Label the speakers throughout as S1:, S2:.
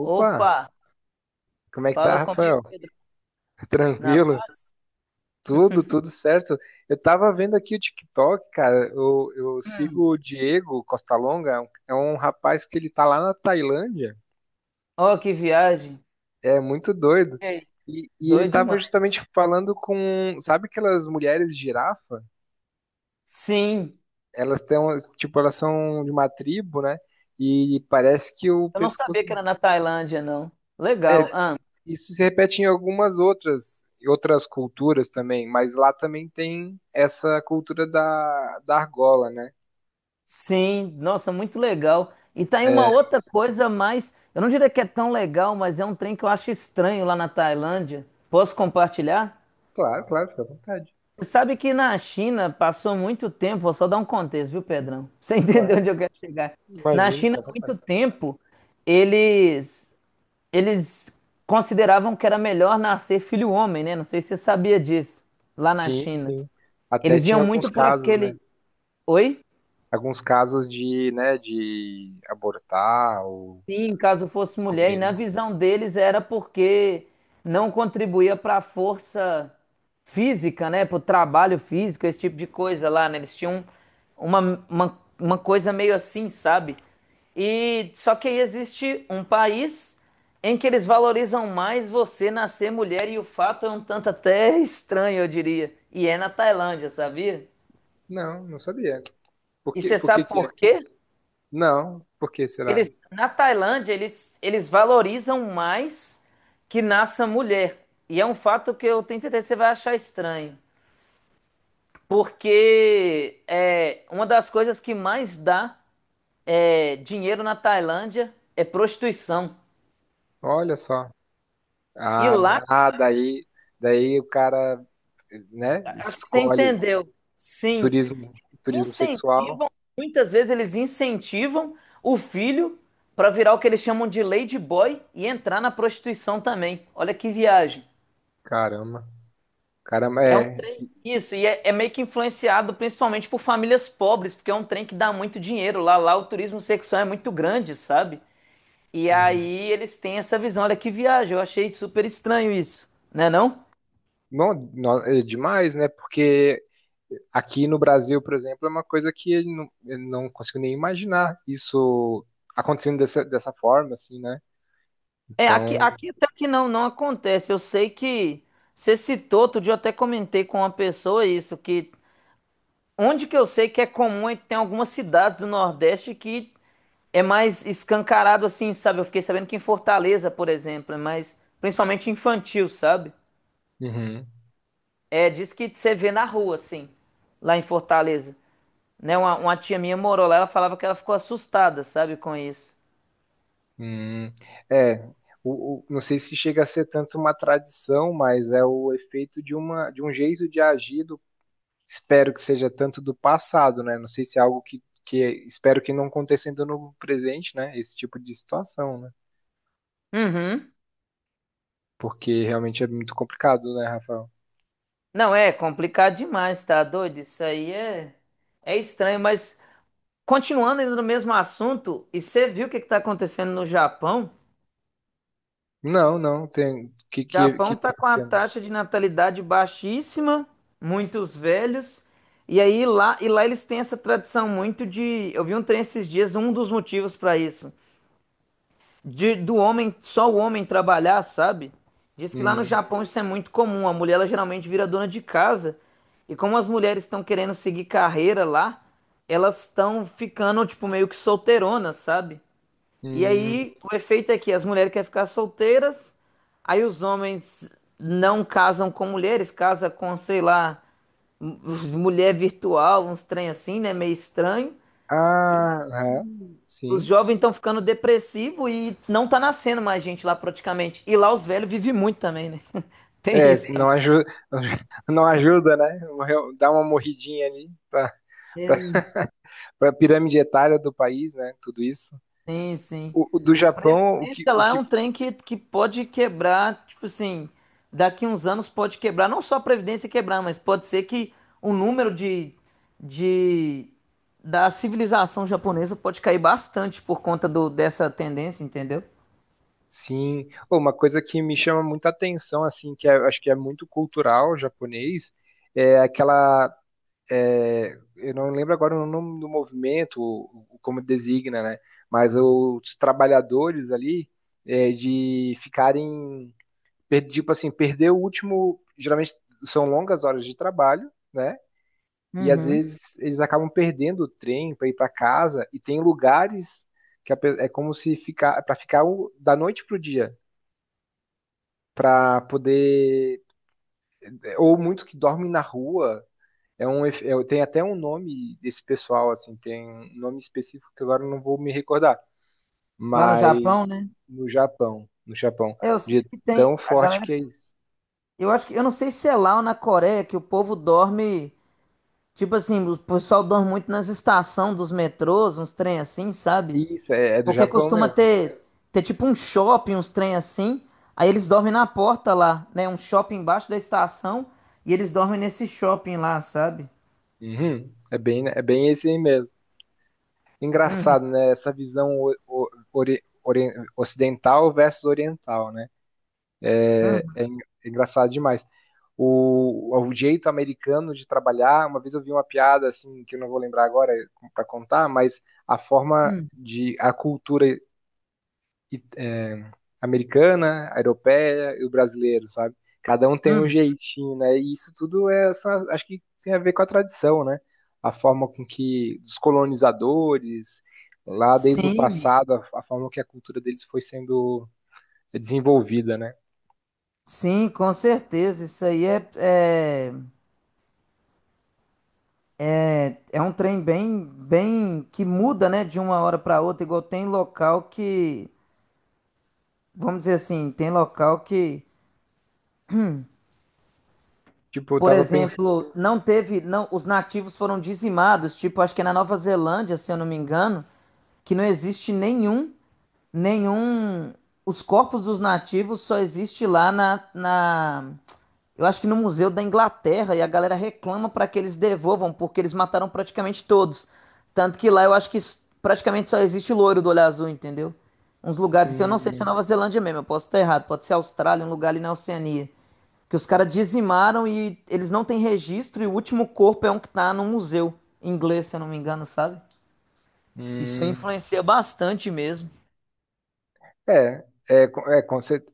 S1: Opa,
S2: Opa,
S1: como é que tá,
S2: fala comigo,
S1: Rafael?
S2: Pedro. Na
S1: Tranquilo?
S2: paz?
S1: Tudo, tudo certo. Eu tava vendo aqui o TikTok, cara. Eu
S2: Hum.
S1: sigo o Diego Costa Longa, é um rapaz que ele tá lá na Tailândia.
S2: Ó, que viagem.
S1: É muito doido.
S2: E aí?
S1: E ele
S2: Doido
S1: tava
S2: demais.
S1: justamente falando com, sabe aquelas mulheres girafa?
S2: Sim,
S1: Elas têm, tipo, elas são de uma tribo, né? E parece que o
S2: eu não sabia
S1: pescoço
S2: que era na Tailândia, não.
S1: é.
S2: Legal. Ah,
S1: Isso se repete em algumas outras culturas também, mas lá também tem essa cultura da argola, né?
S2: sim, nossa, muito legal. E tá aí uma
S1: É,
S2: outra coisa mais. Eu não diria que é tão legal, mas é um trem que eu acho estranho lá na Tailândia. Posso compartilhar?
S1: claro, claro, fica à vontade.
S2: Você sabe que na China passou muito tempo, vou só dar um contexto, viu, Pedrão? Pra você entendeu
S1: Claro,
S2: onde eu quero chegar? Na
S1: imagino,
S2: China,
S1: fica à
S2: há muito
S1: vontade.
S2: tempo, eles eles consideravam que era melhor nascer filho homem, né? Não sei se você sabia disso, lá na
S1: Sim,
S2: China.
S1: sim. Até
S2: Eles
S1: tinha
S2: viam
S1: alguns
S2: muito por
S1: casos, né?
S2: aquele. Oi?
S1: Alguns casos de, né, de abortar ou
S2: Sim, caso fosse mulher, e na
S1: descobrindo.
S2: visão deles era porque não contribuía para a força física, né? Para o trabalho físico, esse tipo de coisa lá, né? Eles tinham uma, uma coisa meio assim, sabe? E só que aí existe um país em que eles valorizam mais você nascer mulher, e o fato é um tanto até estranho, eu diria. E é na Tailândia, sabia?
S1: Não, não sabia. Por
S2: E
S1: que,
S2: você
S1: por que
S2: sabe
S1: que é?
S2: por quê?
S1: Não, por que será?
S2: Eles, na Tailândia, eles valorizam mais que nasça mulher. E é um fato que eu tenho certeza que você vai achar estranho. Porque é, uma das coisas que mais dá é, dinheiro na Tailândia é prostituição.
S1: Olha só.
S2: E
S1: Ah,
S2: lá,
S1: ah, daí o cara, né,
S2: acho que você
S1: escolhe.
S2: entendeu. Sim,
S1: Turismo, turismo sexual,
S2: incentivam, muitas vezes eles incentivam o filho para virar o que eles chamam de lady boy e entrar na prostituição também. Olha que viagem.
S1: caramba. Caramba,
S2: É um
S1: é.
S2: trem. Isso, e é meio que influenciado principalmente por famílias pobres, porque é um trem que dá muito dinheiro lá. Lá o turismo sexual é muito grande, sabe? E
S1: Uhum.
S2: aí eles têm essa visão, olha que viagem, eu achei super estranho isso, né não?
S1: Não, não, é demais, né? Porque aqui no Brasil, por exemplo, é uma coisa que eu não consigo nem imaginar isso acontecendo dessa forma, assim, né?
S2: É, aqui,
S1: Então,
S2: aqui até que não, não acontece. Eu sei que você citou, outro dia eu até comentei com uma pessoa isso, que onde que eu sei que é comum é que tem algumas cidades do Nordeste que é mais escancarado assim, sabe? Eu fiquei sabendo que em Fortaleza, por exemplo, é mais principalmente infantil, sabe?
S1: uhum,
S2: É, diz que você vê na rua, assim, lá em Fortaleza. Né? Uma tia minha morou lá, ela falava que ela ficou assustada, sabe, com isso.
S1: uhum. É, não sei se chega a ser tanto uma tradição, mas é o efeito de uma, de um jeito de agir. Espero que seja tanto do passado, né? Não sei se é algo que é, espero que não aconteça ainda no presente, né? Esse tipo de situação, né?
S2: Uhum.
S1: Porque realmente é muito complicado, né, Rafael?
S2: Não, é complicado demais, tá doido? Isso aí é estranho, mas continuando ainda no mesmo assunto, e você viu o que que tá acontecendo no Japão?
S1: Não, não, tem. O
S2: Japão
S1: que tá
S2: está com a
S1: acontecendo?
S2: taxa de natalidade baixíssima, muitos velhos. E aí lá, e lá eles têm essa tradição muito de, eu vi um trem esses dias, um dos motivos para isso, de do homem, só o homem trabalhar, sabe? Diz que lá no
S1: Hum,
S2: Japão isso é muito comum, a mulher ela geralmente vira dona de casa. E como as mulheres estão querendo seguir carreira lá, elas estão ficando tipo meio que solteironas, sabe? E
S1: hum,
S2: aí, o efeito é que as mulheres querem ficar solteiras, aí os homens não casam com mulheres, casam com, sei lá, m- mulher virtual, uns trem assim, né? Meio estranho.
S1: ah, é,
S2: Os
S1: sim.
S2: jovens estão ficando depressivos e não tá nascendo mais gente lá praticamente. E lá os velhos vivem muito também, né? Tem
S1: É,
S2: isso
S1: não ajuda, não ajuda, né? Dá uma morridinha ali para
S2: também.
S1: a pirâmide etária do país, né? Tudo isso.
S2: Sim, sim.
S1: O do
S2: A
S1: Japão,
S2: previdência
S1: o
S2: lá é
S1: que.
S2: um trem que pode quebrar, tipo assim, daqui uns anos pode quebrar, não só a previdência quebrar, mas pode ser que o número de da civilização japonesa pode cair bastante por conta dessa tendência, entendeu?
S1: Sim, ô, uma coisa que me chama muita atenção, assim, acho que é muito cultural japonês, é aquela, é, eu não lembro agora o nome do movimento, como designa, né? Mas os trabalhadores ali, é, de ficarem, tipo assim, perder o último, geralmente são longas horas de trabalho, né? E às
S2: Uhum.
S1: vezes eles acabam perdendo o trem para ir para casa, e tem lugares que é como se ficar, para ficar da noite pro dia para poder. É, ou muito que dorme na rua. É tem até um nome desse pessoal, assim, tem um nome específico que agora eu não vou me recordar.
S2: Lá no
S1: Mas
S2: Japão, né?
S1: no Japão, no Japão,
S2: É, eu sei
S1: de
S2: que tem
S1: tão
S2: a
S1: forte
S2: galera.
S1: que é isso.
S2: Eu acho que eu não sei se é lá ou na Coreia que o povo dorme, tipo assim, o pessoal dorme muito nas estações dos metrôs, uns trem assim, sabe?
S1: Isso, é, é do
S2: Porque
S1: Japão
S2: costuma
S1: mesmo.
S2: ter, tipo um shopping, uns trem assim. Aí eles dormem na porta lá, né? Um shopping embaixo da estação. E eles dormem nesse shopping lá, sabe?
S1: Uhum, é bem esse aí mesmo. Engraçado, né? Essa visão ocidental versus oriental, né? É, é engraçado demais. O, o jeito americano de trabalhar. Uma vez eu vi uma piada assim que eu não vou lembrar agora para contar, mas a forma
S2: Hum,
S1: de a cultura i- é, americana, a europeia e o brasileiro, sabe? Cada um tem um
S2: hum.
S1: jeitinho, né? E isso tudo acho que tem a ver com a tradição, né? A forma com que os colonizadores lá desde o
S2: Sim,
S1: passado, a forma que a cultura deles foi sendo desenvolvida, né?
S2: sim, com certeza. Isso aí é um trem bem, bem que muda, né? De uma hora para outra. Igual tem local que, vamos dizer assim, tem local que.
S1: Tipo, eu
S2: Por
S1: tava pensando,
S2: exemplo, não teve, não, os nativos foram dizimados, tipo, acho que é na Nova Zelândia, se eu não me engano, que não existe nenhum, nenhum, os corpos dos nativos só existe lá eu acho que no Museu da Inglaterra e a galera reclama para que eles devolvam, porque eles mataram praticamente todos. Tanto que lá eu acho que praticamente só existe loiro do olho azul, entendeu? Uns lugares, assim, eu não sei se é
S1: hum,
S2: Nova Zelândia mesmo, eu posso estar errado, pode ser Austrália, um lugar ali na Oceania. Que os caras dizimaram e eles não têm registro e o último corpo é um que tá num museu inglês, se eu não me engano, sabe? Isso
S1: hum.
S2: influencia bastante mesmo.
S1: É,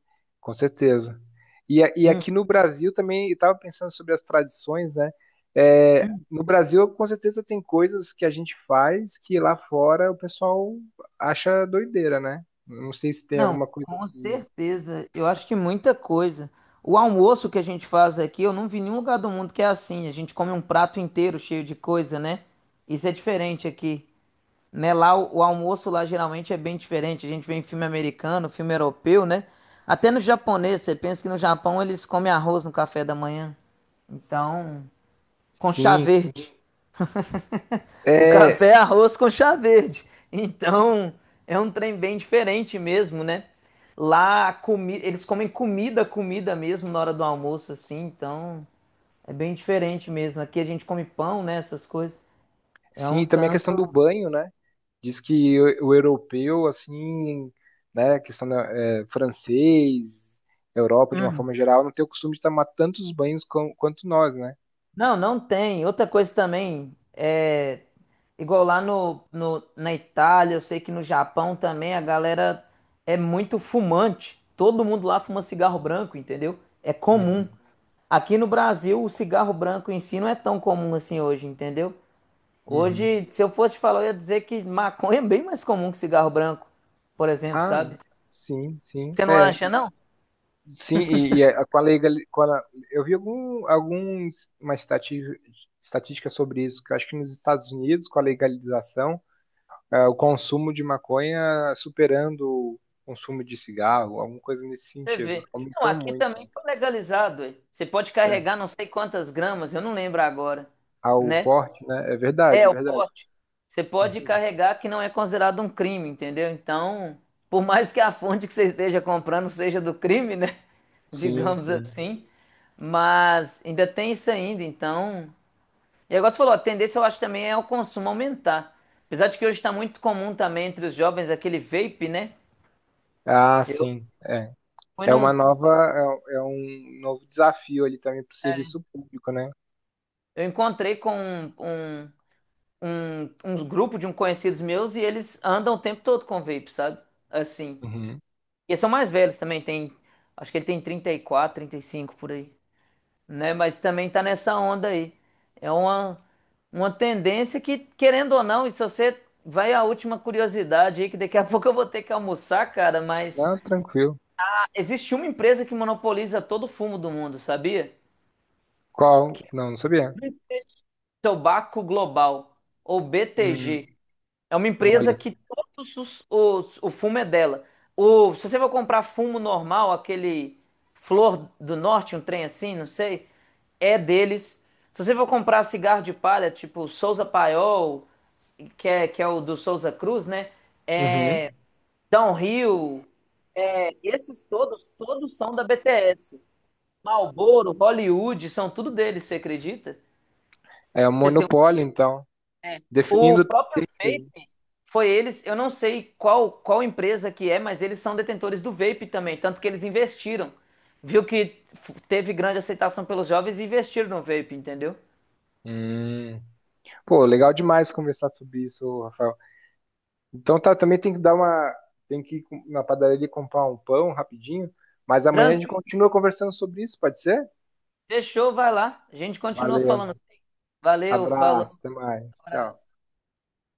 S1: com certeza. E aqui no Brasil também, eu estava pensando sobre as tradições, né? É, no Brasil, com certeza, tem coisas que a gente faz que lá fora o pessoal acha doideira, né? Não sei se tem
S2: Não,
S1: alguma coisa
S2: com
S1: que.
S2: certeza. Eu acho que muita coisa. O almoço que a gente faz aqui, eu não vi em nenhum lugar do mundo que é assim. A gente come um prato inteiro cheio de coisa, né? Isso é diferente aqui, né? Lá o almoço lá geralmente é bem diferente. A gente vê em filme americano, filme europeu, né? Até no japonês, você pensa que no Japão eles comem arroz no café da manhã. Então, com chá
S1: Sim,
S2: verde. O
S1: é,
S2: café é arroz com chá verde. Então, é um trem bem diferente mesmo, né? Lá, a comi eles comem comida, comida mesmo na hora do almoço, assim. Então, é bem diferente mesmo. Aqui a gente come pão, né? Essas coisas. É
S1: sim,
S2: um
S1: e também a questão do
S2: tanto.
S1: banho, né? Diz que o europeu, assim, né? A questão é, francês, Europa de uma
S2: Hum.
S1: forma geral, não tem o costume de tomar tantos banhos quanto nós, né?
S2: Não, não tem. Outra coisa também, é igual lá na Itália, eu sei que no Japão também a galera é muito fumante. Todo mundo lá fuma cigarro branco, entendeu? É comum.
S1: Uhum.
S2: Aqui no Brasil, o cigarro branco em si não é tão comum assim hoje, entendeu?
S1: Uhum.
S2: Hoje, se eu fosse te falar, eu ia dizer que maconha é bem mais comum que cigarro branco, por exemplo,
S1: Ah,
S2: sabe?
S1: sim, sim.
S2: Você não
S1: É,
S2: acha, não?
S1: sim, e, com a legal, eu vi algum, alguns uma estatística sobre isso, que eu acho que nos Estados Unidos, com a legalização, é, o consumo de maconha superando o consumo de cigarro, alguma coisa nesse
S2: Você
S1: sentido.
S2: vê. Não,
S1: Aumentou
S2: aqui
S1: muito, né?
S2: também foi legalizado. Ué. Você pode
S1: É,
S2: carregar não sei quantas gramas, eu não lembro agora,
S1: ao
S2: né?
S1: porte, né? É verdade,
S2: É,
S1: é
S2: o
S1: verdade.
S2: porte. Você pode
S1: Uhum.
S2: carregar que não é considerado um crime, entendeu? Então, por mais que a fonte que você esteja comprando seja do crime, né?
S1: Sim,
S2: Digamos
S1: sim.
S2: assim. Mas ainda tem isso ainda, então. E agora você falou, a tendência eu acho também é o consumo aumentar. Apesar de que hoje está muito comum também entre os jovens aquele vape, né?
S1: Ah,
S2: Eu
S1: sim. É,
S2: fui
S1: é uma
S2: num,
S1: nova, é, é um novo desafio ali também para o serviço público, né?
S2: eu encontrei com um, uns grupos de um conhecidos meus e eles andam o tempo todo com vape, sabe? Assim.
S1: Uhum.
S2: E eles são mais velhos também, tem. Acho que ele tem 30 34 35 por aí, né? Mas também tá nessa onda aí. É uma tendência que, querendo ou não, e se você vai à última curiosidade aí, que daqui a pouco eu vou ter que almoçar, cara, mas
S1: Não, tranquilo.
S2: existe uma empresa que monopoliza todo o fumo do mundo, sabia? Que
S1: Qual?
S2: é o
S1: Não, não sabia.
S2: Tobacco Global, ou
S1: Hum,
S2: BTG. É uma empresa
S1: olha.
S2: que todos o fumo é dela. Se você for comprar fumo normal, aquele Flor do Norte, um trem assim, não sei, é deles. Se você for comprar cigarro de palha, tipo Souza Paiol, que é o do Souza Cruz, né?
S1: Uhum.
S2: Downhill, esses todos, todos são da BTS. Marlboro, Hollywood, são tudo deles, você acredita?
S1: É um
S2: Você
S1: monopólio, então.
S2: O
S1: Definindo
S2: próprio vape
S1: tendências.
S2: foi eles, eu não sei qual empresa que é, mas eles são detentores do vape também, tanto que eles investiram. Viu que teve grande aceitação pelos jovens e investiram no vape, entendeu?
S1: Hum. Pô, legal demais conversar sobre isso, Rafael. Então tá, também tem que dar uma. Tem que ir na padaria comprar um pão rapidinho. Mas amanhã a gente
S2: Tranquilo,
S1: continua conversando sobre isso, pode ser?
S2: deixou, vai lá. A gente continua falando.
S1: Valeu.
S2: Valeu,
S1: Abraço,
S2: falou,
S1: até mais. Tchau.
S2: abraço.